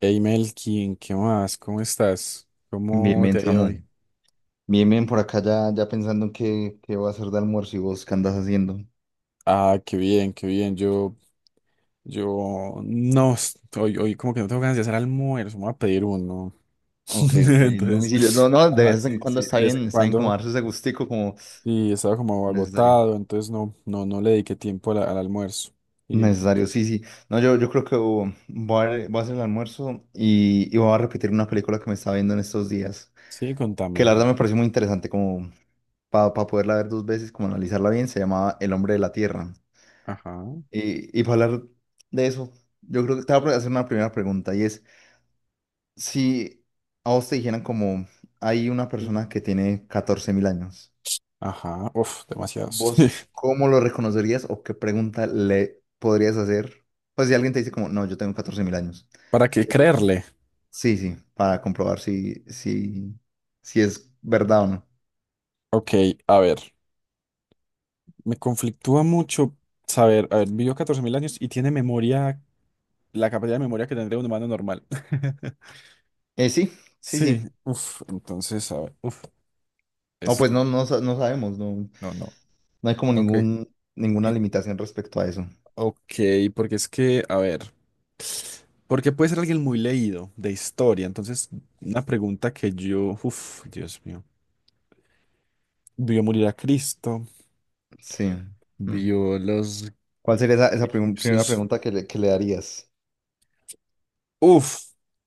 Hey Melkin, ¿qué más? ¿Cómo estás? Bien, ¿Cómo te bien, ha ido hoy? Samu. Bien, bien, por acá ya pensando en qué voy a hacer de almuerzo y vos qué andas haciendo. Ah, qué bien, qué bien. Yo, no, hoy, como que no tengo ganas de hacer almuerzo, me voy a pedir uno. Ok, ok, no, domicilio. No, Entonces, no, de ajá, vez en sí, cuando sí, de vez en está bien como cuando, darse ese gustico como sí, estaba como necesario. agotado, entonces no, no, no le dediqué tiempo a al almuerzo. Y, pues, Necesario, sí, sí. No, yo creo que oh, voy a hacer el almuerzo y voy a repetir una película que me estaba viendo en estos días, sí, que contame. la verdad me pareció muy interesante como para poderla ver dos veces, como analizarla bien, se llamaba El hombre de la tierra. Ajá, Y para hablar de eso, yo creo que te voy a hacer una primera pregunta y es... Si a vos te dijeran como hay una Mm. persona que tiene 14.000 años, Ajá, uf, demasiados. ¿vos cómo lo reconocerías o qué pregunta le podrías hacer? Pues si alguien te dice como, no, yo tengo 14.000 años. ¿Para qué ¿qué- creerle? Sí, sí, para comprobar si es verdad o no. Ok, a ver. Me conflictúa mucho saber, a ver, vivió 14.000 años y tiene memoria, la capacidad de memoria que tendría un humano normal. Sí, sí, Sí, sí. uff, entonces, a ver, uff, O es, pues no, no, no sabemos, no, no, no, no hay como ok, ninguna eh, limitación respecto a eso. ok, porque es que, a ver, porque puede ser alguien muy leído de historia, entonces, una pregunta que yo, uff, Dios mío, vio morir a Cristo, Sí. Mm. vio los ¿Cuál sería esa primera egipcios, pregunta que le darías? uff,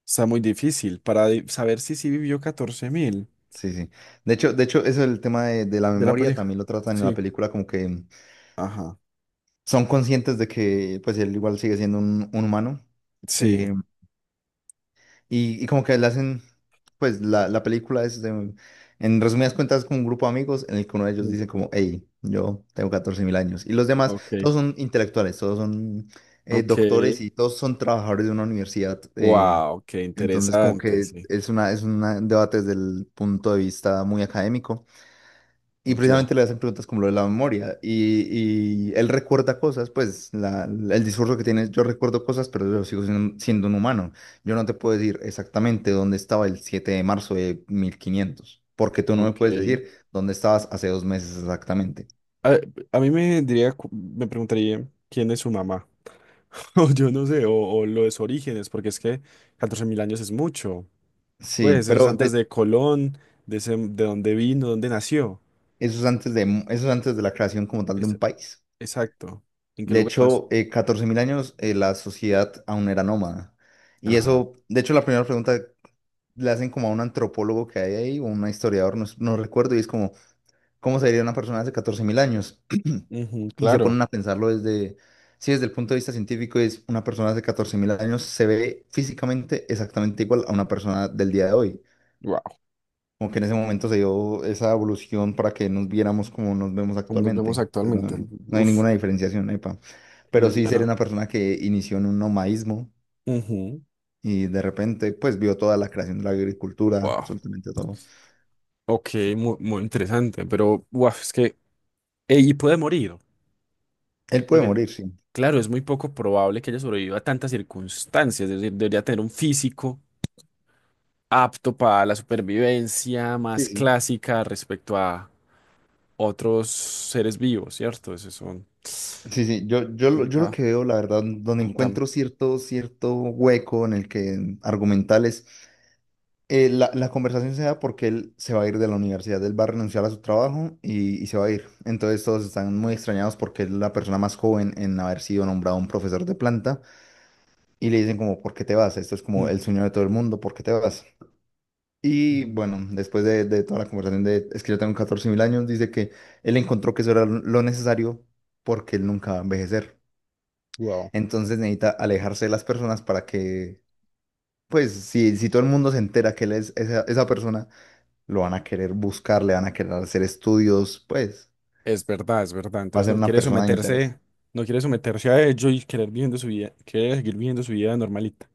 está muy difícil para saber si sí vivió 14.000 Sí, sí. De hecho, eso es el tema de la de la memoria, pareja. también lo tratan en la Sí, película, como que ajá. son conscientes de que pues él igual sigue siendo un humano, Sí. eh, y como que le hacen, pues la película es, en resumidas cuentas, con un grupo de amigos en el que uno de ellos Mm. dice como, hey, yo tengo 14 mil años, y los demás, Ok. todos son intelectuales, todos son Ok. doctores y todos son trabajadores de una universidad. Wow, qué Entonces como interesante, que sí. es una, un debate desde el punto de vista muy académico. Y Ya. precisamente le hacen preguntas como lo de la memoria. Y él recuerda cosas, pues el discurso que tiene, yo recuerdo cosas, pero yo sigo siendo un humano. Yo no te puedo decir exactamente dónde estaba el 7 de marzo de 1500, porque tú no me Ok. puedes decir dónde estabas hace 2 meses exactamente. A, a mí me diría, me preguntaría quién es su mamá. O yo no sé, o lo de sus orígenes, porque es que 14.000 años es mucho. Sí, Pues eso es pero antes de Colón, de dónde vino, dónde nació. eso es antes de, la creación como tal de Es- un país. exacto. ¿En qué De lugar nació? hecho, 14.000 años, la sociedad aún era nómada. Y Ajá. eso, de hecho, la primera pregunta le hacen como a un antropólogo que hay ahí, o un historiador, no, no recuerdo, y es como, ¿cómo sería una persona hace 14.000 años? Ujú, Y se claro. ponen a pensarlo desde, sí, desde el punto de vista científico, es una persona hace 14.000 años se ve físicamente exactamente igual a una persona del día de hoy. Wow. Como que en ese momento se dio esa evolución para que nos viéramos como nos vemos Como nos vemos actualmente. Pues no, actualmente. no hay Uf. ninguna diferenciación, epa. Pero sí ser Claro. una persona que inició en un nomadismo y de repente pues vio toda la creación de la agricultura, Wow. absolutamente todo. Ok, muy, muy interesante, pero guau, es que ella puede morir, Él puede porque morir, sí. claro, es muy poco probable que ella sobreviva a tantas circunstancias, es decir, debería tener un físico apto para la supervivencia Sí, más sí. clásica respecto a otros seres vivos, ¿cierto? Eso es Sí, sí. Yo lo complicado, que veo, la verdad, donde contame. encuentro cierto hueco en el que argumentales, la conversación se da porque él se va a ir de la universidad, él va a renunciar a su trabajo, y se va a ir. Entonces todos están muy extrañados porque es la persona más joven en haber sido nombrado un profesor de planta, y le dicen como, ¿por qué te vas? Esto es como Mm. el sueño de todo el mundo, ¿por qué te vas? Y Ujú. bueno, después de toda la conversación de es que yo tengo 14 mil años, dice que él encontró que eso era lo necesario, porque él nunca va a envejecer. Wow. Entonces necesita alejarse de las personas para que, pues, si todo el mundo se entera que él es esa persona, lo van a querer buscar, le van a querer hacer estudios, pues, Es verdad, va a entonces ser no una quiere persona de interés. someterse, no quiere someterse a ello y querer viviendo su vida, quiere seguir viviendo su vida normalita.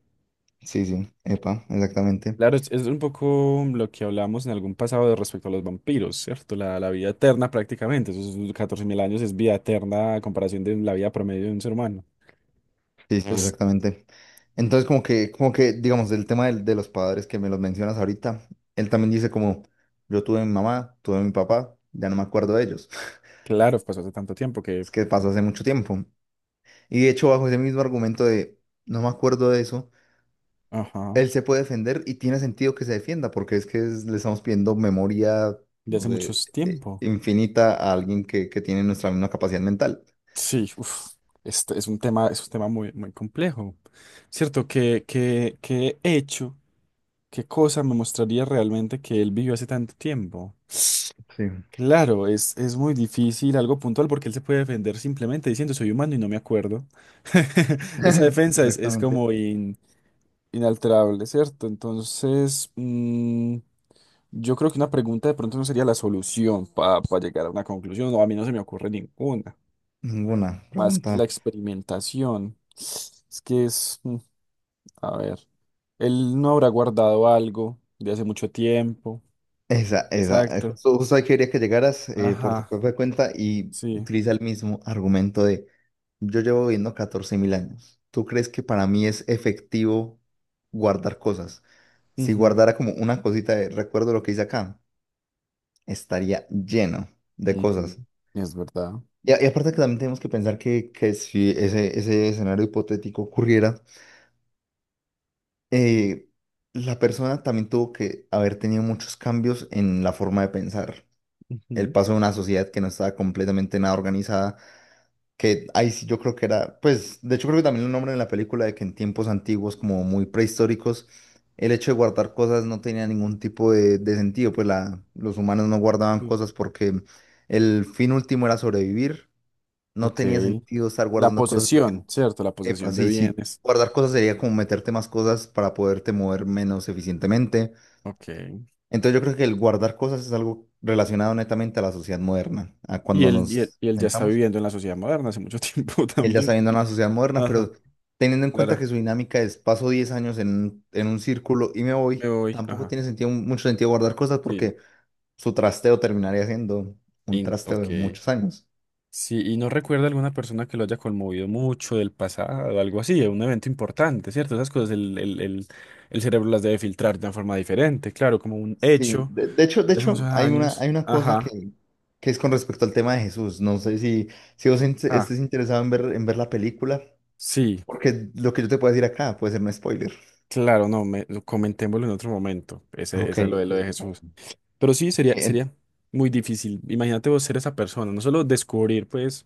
Sí, sí, epa, exactamente. Claro, es un poco lo que hablamos en algún pasado de respecto a los vampiros, ¿cierto? La vida eterna prácticamente, esos 14.000 años es vida eterna a comparación de la vida promedio de un ser humano. Sí, sí, Pues exactamente. Entonces, como que, digamos, del tema de los padres que me los mencionas ahorita, él también dice como, yo tuve mi mamá, tuve mi papá, ya no me acuerdo de ellos. claro, pasó hace tanto tiempo que, Es que pasó hace mucho tiempo. Y de hecho, bajo ese mismo argumento de, no me acuerdo de eso, ajá, él se puede defender y tiene sentido que se defienda, porque es que le estamos pidiendo memoria, ya no hace mucho sé, tiempo. infinita a alguien que tiene nuestra misma capacidad mental. Sí, uf, este es un tema muy, muy complejo, ¿cierto? ¿Qué hecho, qué cosa me mostraría realmente que él vivió hace tanto tiempo? Sí. Claro, es muy difícil algo puntual porque él se puede defender simplemente diciendo soy humano y no me acuerdo. Esa defensa es Exactamente. como inalterable, ¿cierto? Entonces, yo creo que una pregunta de pronto no sería la solución para llegar a una conclusión, o a mí no se me ocurre ninguna, Ninguna más que la pregunta. experimentación. Es que es, a ver, él no habrá guardado algo de hace mucho tiempo. Esa. eh, Exacto. Justo, justo ahí quería que llegaras, por tu Ajá, propia cuenta, y sí. utiliza el mismo argumento de yo llevo viviendo 14.000 años. ¿Tú crees que para mí es efectivo guardar cosas? Si Ujú, guardara como una cosita de recuerdo lo que hice acá, estaría lleno de cosas. ujú, es verdad. Y aparte, que también tenemos que pensar que si ese escenario hipotético ocurriera, eh, la persona también tuvo que haber tenido muchos cambios en la forma de pensar. El Ujú, paso de una sociedad que no estaba completamente nada organizada, que ahí sí yo creo que era, pues, de hecho creo que también lo nombran en la película, de que en tiempos antiguos, como muy prehistóricos, el hecho de guardar cosas no tenía ningún tipo de sentido, pues los humanos no guardaban sí. cosas porque el fin último era sobrevivir, no Ok. tenía sentido estar La guardando cosas porque, posesión, ¿cierto? La epa, posesión de sí, sí, bienes. guardar cosas sería como meterte más cosas para poderte mover menos eficientemente. Ok. Entonces yo creo que el guardar cosas es algo relacionado netamente a la sociedad moderna, a Y cuando él, y él, nos y él ya está sentamos. viviendo en la sociedad moderna hace mucho tiempo Y él ya está también. viendo a la sociedad moderna, Ajá, pero teniendo en cuenta claro. que su dinámica es paso 10 años en un círculo y me Me voy, voy. tampoco Ajá. tiene sentido, mucho sentido guardar cosas, Sí. porque su trasteo terminaría siendo un In- trasteo ok. de muchos años. Sí, y no recuerda alguna persona que lo haya conmovido mucho del pasado, algo así, un evento importante, ¿cierto? Esas cosas el cerebro las debe filtrar de una forma diferente, claro, como un Sí, hecho de hecho, de de hace muchos hecho hay una, años. hay una cosa Ajá. que es con respecto al tema de Jesús. No sé si vos Ah, estés interesado en ver, la película, sí. porque lo que yo te puedo decir acá puede ser un spoiler. Claro, no, lo comentémoslo en otro momento. Ese, Ok, esa es lo de ok. Jesús. Pero sí, sería, ¿Qué, sería muy difícil. Imagínate vos ser esa persona, no solo descubrir, pues,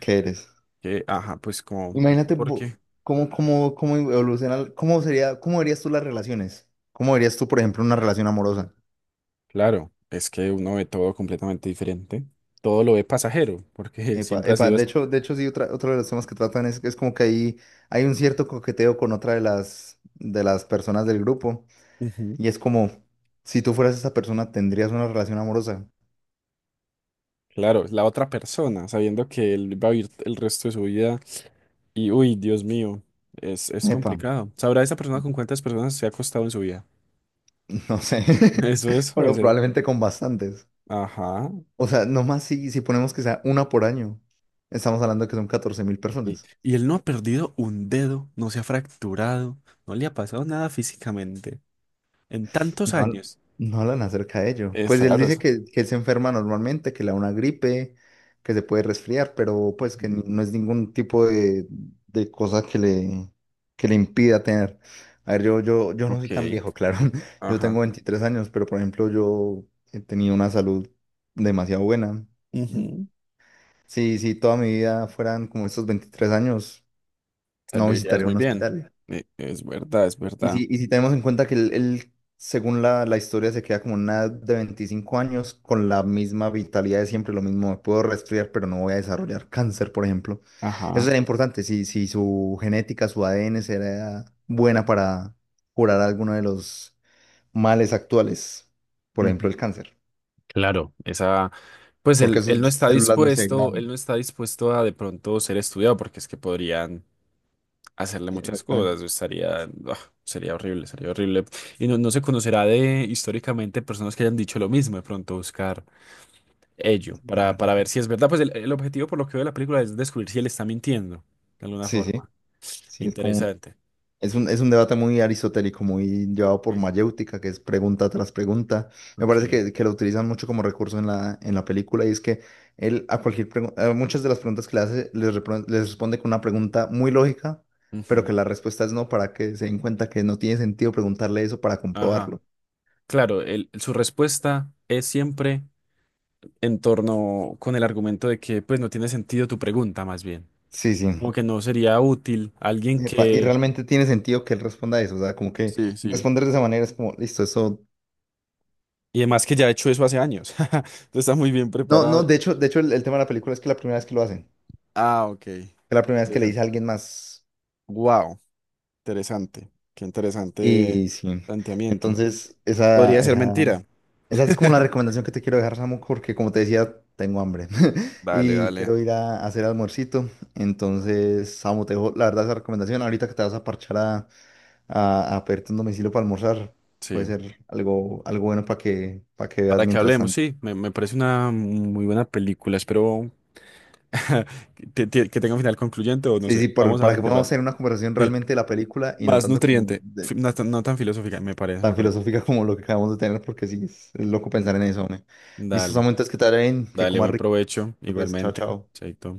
qué eres? que, ajá, pues como, Imagínate ¿por qué? Cómo evoluciona, cómo sería, cómo verías tú las relaciones. ¿Cómo verías tú, por ejemplo, una relación amorosa? Claro, es que uno ve todo completamente diferente. Todo lo ve pasajero, porque Epa, siempre ha epa, sido así. De hecho, sí, otro de los temas que tratan es como que hay un cierto coqueteo con otra de de las personas del grupo. Ujú. Y es como, si tú fueras esa persona, ¿tendrías una relación amorosa? Claro, la otra persona, sabiendo que él va a vivir el resto de su vida y, uy, Dios mío, es Epa, complicado. ¿Sabrá esa persona con cuántas personas se ha acostado en su vida? no sé. Eso debe Pero ser. probablemente con bastantes. Ajá. O sea, nomás si ponemos que sea una por año, estamos hablando que son catorce mil Y, personas. y él no ha perdido un dedo, no se ha fracturado, no le ha pasado nada físicamente en tantos No, años. no hablan acerca de ello. Es Pues él claro dice eso. que él se enferma normalmente, que le da una gripe, que se puede resfriar, pero pues que Ujú, no es ningún tipo de cosa que le impida tener. A ver, yo no soy ok, tan viejo, claro. Yo tengo ajá. 23 años, pero por ejemplo yo he tenido una salud demasiado buena. Mm, Ujú, sí sí toda mi vida fueran como estos 23 años, te no verías visitaría muy un bien. hospital. Es verdad, es Y verdad. si, y si tenemos en cuenta que él, según la historia, se queda como en una edad de 25 años con la misma vitalidad de siempre, lo mismo, me puedo resfriar, pero no voy a desarrollar cáncer, por ejemplo. Eso Ajá. era importante, si su genética, su ADN era buena para curar alguno de los males actuales, por ejemplo, Ujú, el cáncer, claro, esa, pues él, porque él no sus está células no se dispuesto, él degradan. no está dispuesto a de pronto ser estudiado porque es que podrían hacerle muchas Exactamente. cosas. Estaría, ah, sería horrible, sería horrible. Y no se conocerá de históricamente personas que hayan dicho lo mismo, de pronto buscar ello La verdad. para ver si es verdad. Pues el objetivo por lo que veo de la película es descubrir si él está mintiendo de alguna Sí, sí, forma. sí, es como. Interesante. Es un debate muy aristotélico, muy llevado por Sí. mayéutica, que es pregunta tras pregunta. Me parece Ok. que lo utilizan mucho como recurso en la película, y es que él a cualquier pregunta, muchas de las preguntas que le hace, les responde con una pregunta muy lógica, pero Ujú. que la respuesta es no, para que se den cuenta que no tiene sentido preguntarle eso para Ajá. comprobarlo. Claro, su respuesta es siempre en torno con el argumento de que pues no tiene sentido tu pregunta más bien. Sí, Como sí. que no sería útil alguien Epa, y que... realmente tiene sentido que él responda eso, o sea, como que Sí, sí. responder de esa manera es como, listo, eso... Y además que ya he hecho eso hace años. Entonces está muy bien No, preparado. no, de hecho el tema de la película es que la primera vez que lo hacen, Ah, ok. es la primera vez que le Interesante. dice a alguien más. Wow, interesante. Qué interesante Y sí, planteamiento. entonces esa, Podría ser esa, mentira. esa es como la recomendación que te quiero dejar, Samu, porque como te decía, tengo hambre Dale, y dale. quiero ir a hacer almuercito. Entonces, Samu, te dejo la verdad esa recomendación. Ahorita que te vas a parchar a, pedirte un domicilio para almorzar, puede Sí. ser algo, algo bueno para que veas Para que mientras hablemos, tanto. sí. Me parece una muy buena película. Espero que tenga un final concluyente o no Sí, sé. sí, Vamos a para que ver qué podamos pasa. tener una conversación Sí. realmente de la película y no Más tanto como nutriente. No tan, no tan filosófica, me parece, me tan parece. filosófica como lo que acabamos de tener, porque sí, es loco Mm. pensar en eso, hombre. Listo, Dale, Samu, entonces que te vaya bien, que dale, comas buen rico. provecho. Pues, chao, Igualmente. chao. Chaito.